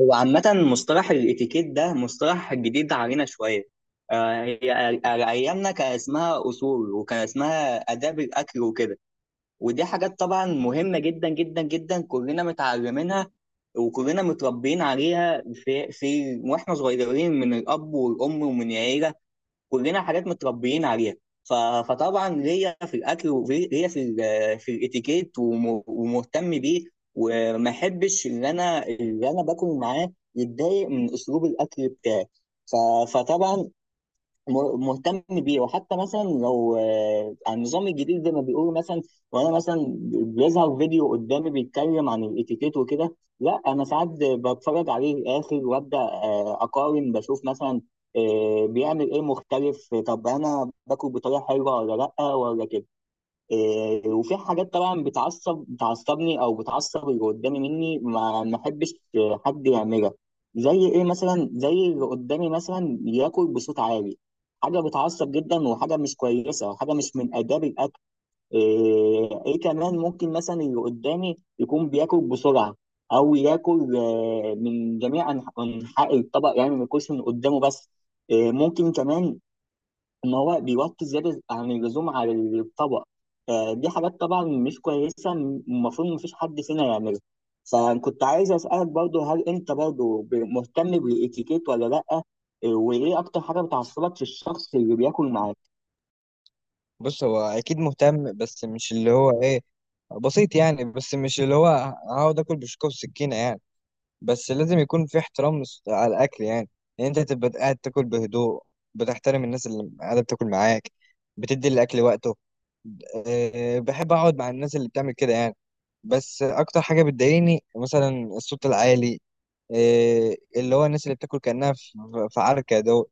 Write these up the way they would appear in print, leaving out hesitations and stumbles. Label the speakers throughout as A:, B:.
A: هو عامة، مصطلح الاتيكيت ده مصطلح جديد علينا شوية. هي على أيامنا كان اسمها أصول، وكان اسمها آداب الأكل وكده. ودي حاجات طبعا مهمة جدا جدا جدا، كلنا متعلمينها، وكلنا متربيين عليها في, في وإحنا صغيرين من الأب والأم ومن العيلة، كلنا حاجات متربيين عليها. ف... فطبعا ليا في الاكل، وليا في الاتيكيت، ومهتم بيه، وما احبش ان انا اللي انا باكل معاه يتضايق من اسلوب الاكل بتاعي. ف... فطبعا مهتم بيه. وحتى مثلا لو عن النظام الجديد، زي ما بيقولوا مثلا، وانا مثلا بيظهر فيديو قدامي بيتكلم عن الاتيكيت وكده، لا انا ساعات بتفرج عليه الاخر، وابدا اقارن، بشوف مثلا بيعمل ايه مختلف. طب انا باكل بطريقه حلوه ولا لا ولا كده؟ إيه، وفي حاجات طبعا بتعصبني او بتعصب اللي قدامي، مني ما احبش حد يعملها. زي ايه مثلا؟ زي اللي قدامي مثلا ياكل بصوت عالي، حاجه بتعصب جدا، وحاجه مش كويسه، وحاجه مش من اداب الاكل. ايه، إيه كمان، ممكن مثلا اللي قدامي يكون بياكل بسرعه، او ياكل من جميع انحاء الطبق، يعني ما ياكلش من قدامه بس. إيه، ممكن كمان ما هو بيوطي زيادة عن اللزوم على الطبق. فدي حاجات طبعا مش كويسة، المفروض مفيش حد فينا يعملها. فكنت عايز أسألك برضو، هل أنت برضو مهتم بالإتيكيت ولا لأ؟ وإيه أكتر حاجة بتعصبك في الشخص اللي بياكل معاك؟
B: بص، هو اكيد مهتم، بس مش اللي هو ايه بسيط يعني. بس مش اللي هو هقعد اكل بشوكه وسكينه يعني. بس لازم يكون في احترام على الاكل يعني، ان انت تبقى قاعد تاكل بهدوء، بتحترم الناس اللي قاعده بتاكل معاك، بتدي الاكل وقته. بحب اقعد مع الناس اللي بتعمل كده يعني. بس اكتر حاجه بتضايقني مثلا الصوت العالي، اللي هو الناس اللي بتاكل كانها في عركه دول.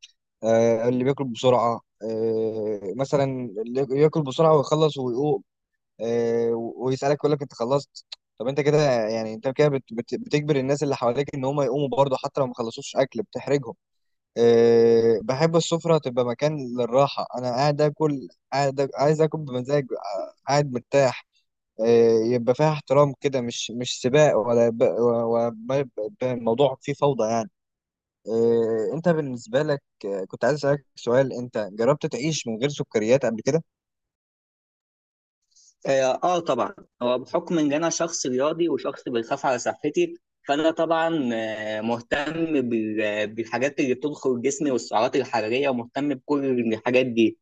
B: اللي بياكل بسرعه، مثلا اللي ياكل بسرعه ويخلص ويقوم، آه، ويسالك يقول لك انت خلصت؟ طب انت كده يعني انت كده بتجبر الناس اللي حواليك ان هم يقوموا برضه حتى لو ما خلصوش اكل، بتحرجهم. أه، بحب السفره تبقى مكان للراحه، انا قاعد اكل، قاعد عايز اكل بمزاج، قاعد مرتاح. يبقى فيها احترام كده، مش سباق، ولا ما يبقى الموضوع فيه فوضى يعني. انت بالنسبة لك، كنت عايز اسألك سؤال، انت جربت تعيش من غير سكريات قبل كده؟
A: طبعا، هو بحكم إن أنا شخص رياضي وشخص بيخاف على صحتي، فأنا طبعا مهتم بالحاجات اللي بتدخل جسمي والسعرات الحرارية، ومهتم بكل الحاجات دي.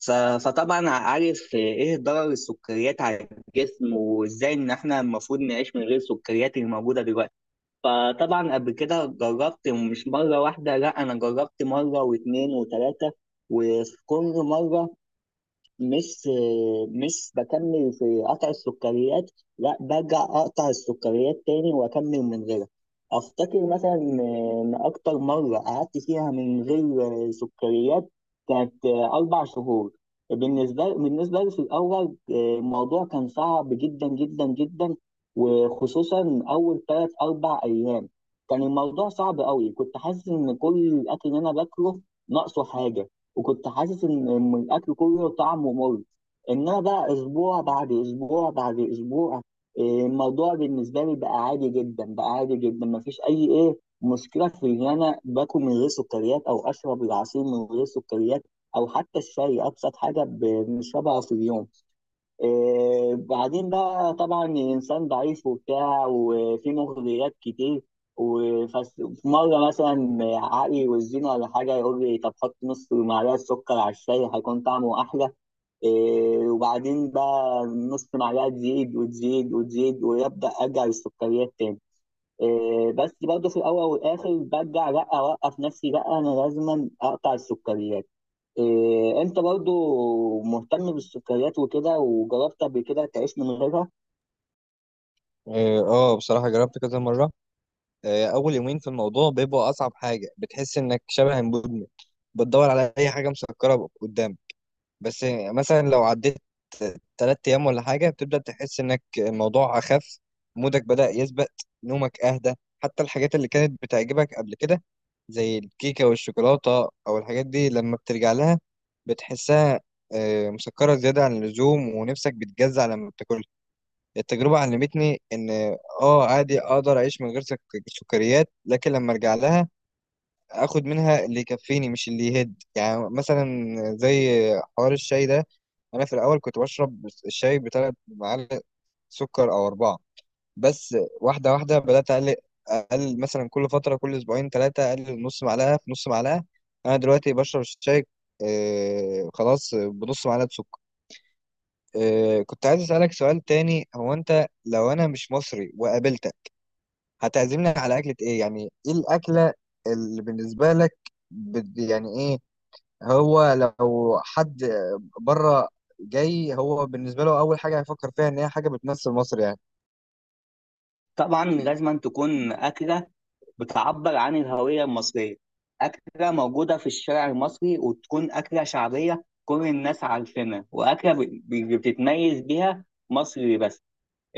A: ف- فطبعا عارف ايه ضرر السكريات على الجسم، وازاي ان احنا المفروض نعيش من غير السكريات اللي موجوده دلوقتي. فطبعا قبل كده جربت مش مره واحده، لا انا جربت مره واثنين وثلاثه، وفي كل مره مش مش بكمل في قطع السكريات، لا برجع اقطع السكريات تاني واكمل من غيرها. افتكر مثلا ان اكتر مره قعدت فيها من غير سكريات كانت 4 شهور. بالنسبه لي في الاول الموضوع كان صعب جدا جدا جدا، وخصوصا اول ثلاث اربع ايام كان الموضوع صعب قوي. كنت حاسس ان كل الاكل اللي انا باكله ناقصه حاجه، وكنت حاسس إن الاكل كله طعمه مر. انما بقى اسبوع بعد اسبوع بعد اسبوع، إيه، الموضوع بالنسبه لي بقى عادي جدا، بقى عادي جدا. مفيش اي مشكله في ان انا باكل من غير سكريات، او اشرب العصير من غير سكريات، او حتى الشاي ابسط حاجه بنشربها في اليوم. بعدين بقى طبعا الإنسان ضعيف وبتاع، وفي مغريات كتير، وفي مرة مثلا عقلي والزينة ولا حاجة يقول لي طب حط نص معلقة سكر على الشاي هيكون طعمه أحلى. وبعدين بقى نص معلقة تزيد وتزيد وتزيد، ويبدأ أرجع للسكريات تاني. بس برضه في الأول والآخر برجع لأ، أوقف نفسي، لأ أنا لازما أقطع السكريات. إيه، انت برضو مهتم بالسكريات وكده، وجربت قبل كده تعيش من غيرها؟
B: اه، بصراحة جربت كذا مرة. اول يومين في الموضوع بيبقوا اصعب حاجة، بتحس انك شبه مدمن، بتدور على اي حاجة مسكرة قدامك. بس مثلا لو عديت ثلاث ايام ولا حاجه بتبدا تحس انك الموضوع اخف، مودك بدا يثبت، نومك اهدى. حتى الحاجات اللي كانت بتعجبك قبل كده زي الكيكه والشوكولاته او الحاجات دي، لما بترجع لها بتحسها مسكره زياده عن اللزوم، ونفسك بتجزع لما بتاكلها. التجربه علمتني ان اه، عادي اقدر اعيش من غير سكريات، لكن لما ارجع لها اخد منها اللي يكفيني مش اللي يهد، يعني مثلا زي حوار الشاي ده. انا في الاول كنت بشرب الشاي بثلاث معالق سكر او اربعه. بس واحده واحده بدات اقلل، اقلل مثلا كل فتره، كل اسبوعين ثلاثه اقلل نص معلقه في نص معلقه. انا دلوقتي بشرب الشاي آه خلاص بنص معلقه سكر. آه، كنت عايز اسالك سؤال تاني، هو انت لو انا مش مصري وقابلتك هتعزمني على اكله ايه؟ يعني ايه الاكله اللي بالنسبه لك يعني ايه؟ هو لو حد بره جاي، هو بالنسبة له أول حاجة هيفكر فيها إن هي حاجة بتمثل مصر يعني.
A: طبعا لازم تكون اكله بتعبر عن الهويه المصريه، اكله موجوده في الشارع المصري، وتكون اكله شعبيه كل الناس عارفينها، واكله بتتميز بيها مصر بس.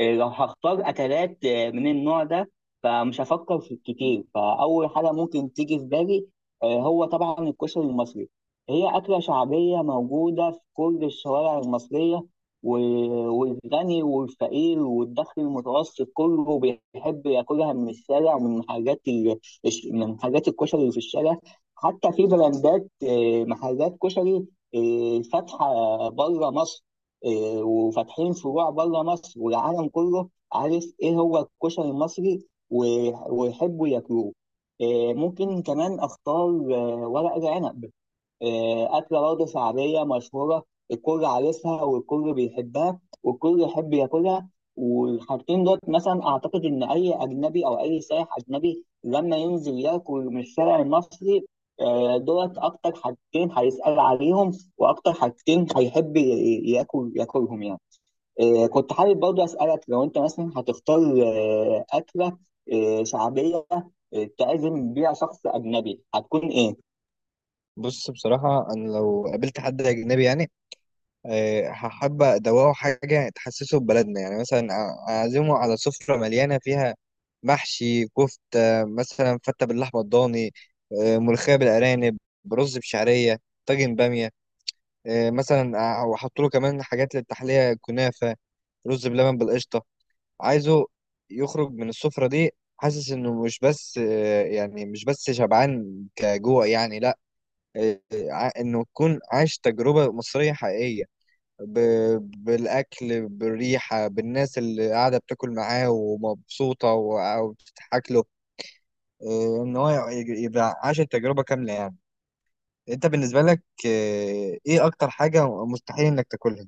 A: إيه، لو هختار أكلات من النوع ده، فمش هفكر في كتير، فأول حاجة ممكن تيجي في بالي هو طبعا الكشري المصري. هي أكلة شعبية موجودة في كل الشوارع المصرية، و- والغني والفقير والدخل المتوسط كله بيحب ياكلها من الشارع، ومن حاجات ال... الش- من حاجات الكشري اللي في الشارع. حتى في براندات محلات كشري فاتحة بره مصر. إيه، وفاتحين فروع بره مصر، والعالم كله عارف ايه هو الكشري المصري، ويحبوا ياكلوه. إيه، ممكن كمان اختار ورق العنب، أكلة برضه شعبية مشهورة، الكل عارفها، والكل بيحبها، والكل يحب ياكلها. والحاجتين دول مثلا أعتقد إن أي أجنبي أو أي سائح أجنبي لما ينزل ياكل من الشارع المصري، دولت أكتر حاجتين هيسأل عليهم، وأكتر حاجتين هيحب ياكلهم يعني. كنت حابب برضه أسألك، لو أنت مثلا هتختار أكلة شعبية تعزم بيها شخص أجنبي، هتكون إيه؟
B: بص، بصراحة أنا لو قابلت حد أجنبي يعني هحب أدوقه حاجة تحسسه ببلدنا، يعني مثلا أعزمه على سفرة مليانة فيها محشي، كفتة مثلا، فتة باللحمة الضاني، ملوخية بالأرانب، رز بشعرية، طاجن بامية، مثلا وأحط له كمان حاجات للتحلية، كنافة، رز بلبن بالقشطة. عايزه يخرج من السفرة دي حاسس انه مش بس يعني مش بس شبعان كجوع يعني، لا، انه يكون عايش تجربة مصرية حقيقية، ب- بالاكل، بالريحة، بالناس اللي قاعدة بتاكل معاه ومبسوطة وبتضحك له، ان هو يبقى عاش التجربة كاملة يعني. انت بالنسبة لك ايه اكتر حاجة مستحيل انك تاكلها؟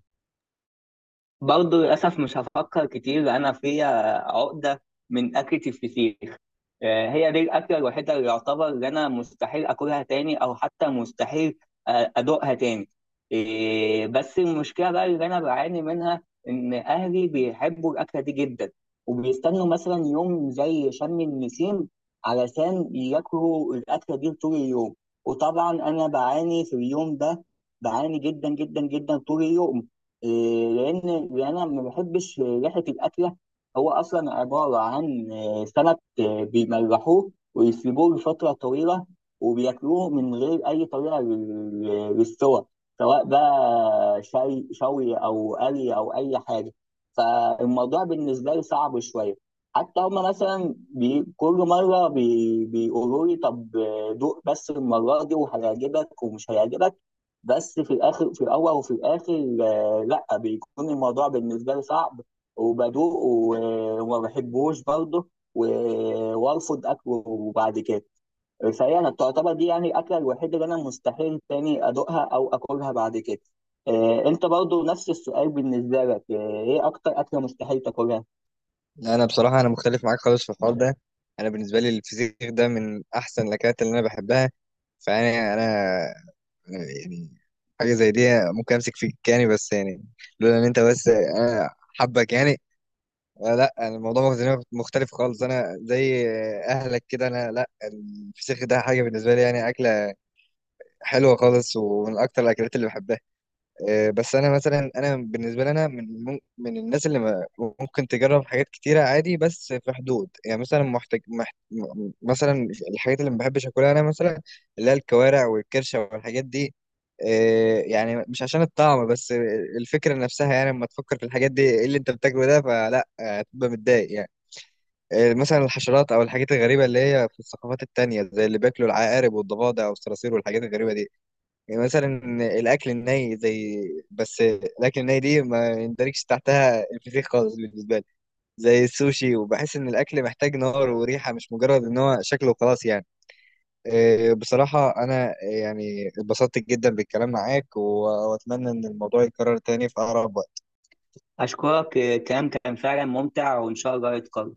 A: برضه للأسف مش هفكر كتير، أنا فيا عقدة من أكلة الفسيخ. هي دي الأكلة الوحيدة اللي يعتبر إن أنا مستحيل أكلها تاني، أو حتى مستحيل أدوقها تاني. إيه، بس المشكلة بقى اللي أنا بعاني منها إن أهلي بيحبوا الأكلة دي جدا، وبيستنوا مثلا يوم زي شم النسيم علشان ياكلوا الأكلة دي طول اليوم. وطبعا أنا بعاني في اليوم ده، بعاني جدا جدا جدا طول اليوم. إيه، لأن أنا ما بحبش ريحة الأكلة. هو أصلا عبارة عن سمك بيملحوه ويسيبوه لفترة طويلة، وبياكلوه من غير أي طريقة للسوى، سواء بقى شوي شوي، أو قلي، أو أي حاجة. فالموضوع بالنسبة لي صعب شوية. حتى هما مثلا كل مرة بيقولوا لي طب دوق بس المرة دي، وهيعجبك ومش هيعجبك. بس في الآخر، في الأول وفي الآخر لأ، بيكون الموضوع بالنسبة لي صعب، وبدوق وما بحبوش برضه، و... وارفض اكله بعد كده. فهي انا تعتبر دي يعني الاكله الوحيده اللي انا مستحيل تاني ادوقها او اكلها بعد كده. انت برضو نفس السؤال، بالنسبه لك ايه اكتر اكله مستحيل تاكلها؟
B: لا، انا بصراحة انا مختلف معاك خالص في الحوار ده. انا بالنسبة لي الفسيخ ده من احسن الاكلات اللي انا بحبها. فانا يعني حاجه زي دي ممكن امسك فيك يعني، بس يعني لولا ان انت، بس انا حبك يعني. آه، لا أنا الموضوع بالنسبة لي مختلف خالص، انا زي اهلك كده، انا لا، الفسيخ ده حاجه بالنسبه لي يعني اكله حلوه خالص، ومن اكتر الاكلات اللي بحبها. بس انا مثلا، انا بالنسبه لي انا من من الناس اللي ممكن تجرب حاجات كتيره عادي، بس في حدود يعني، مثلا محتاج مثلا الحاجات اللي ما بحبش اكلها انا مثلا، اللي هي الكوارع والكرشه والحاجات دي. يعني مش عشان الطعم بس، الفكره نفسها، يعني لما تفكر في الحاجات دي ايه اللي انت بتاكله ده، فلا، هتبقى متضايق يعني. مثلا الحشرات او الحاجات الغريبه اللي هي في الثقافات التانية، زي اللي بياكلوا العقارب والضفادع والصراصير والحاجات الغريبه دي. يعني مثلا الاكل الني، زي، بس الاكل الني دي ما يندرجش تحتها الفسيخ خالص بالنسبه لي، زي السوشي، وبحس ان الاكل محتاج نار وريحه، مش مجرد ان هو شكله وخلاص يعني. إيه، بصراحه انا يعني اتبسطت جدا بالكلام معاك واتمنى ان الموضوع يتكرر تاني في اقرب وقت.
A: اشكرك، الكلام كان فعلا ممتع، وان شاء الله يتكرر.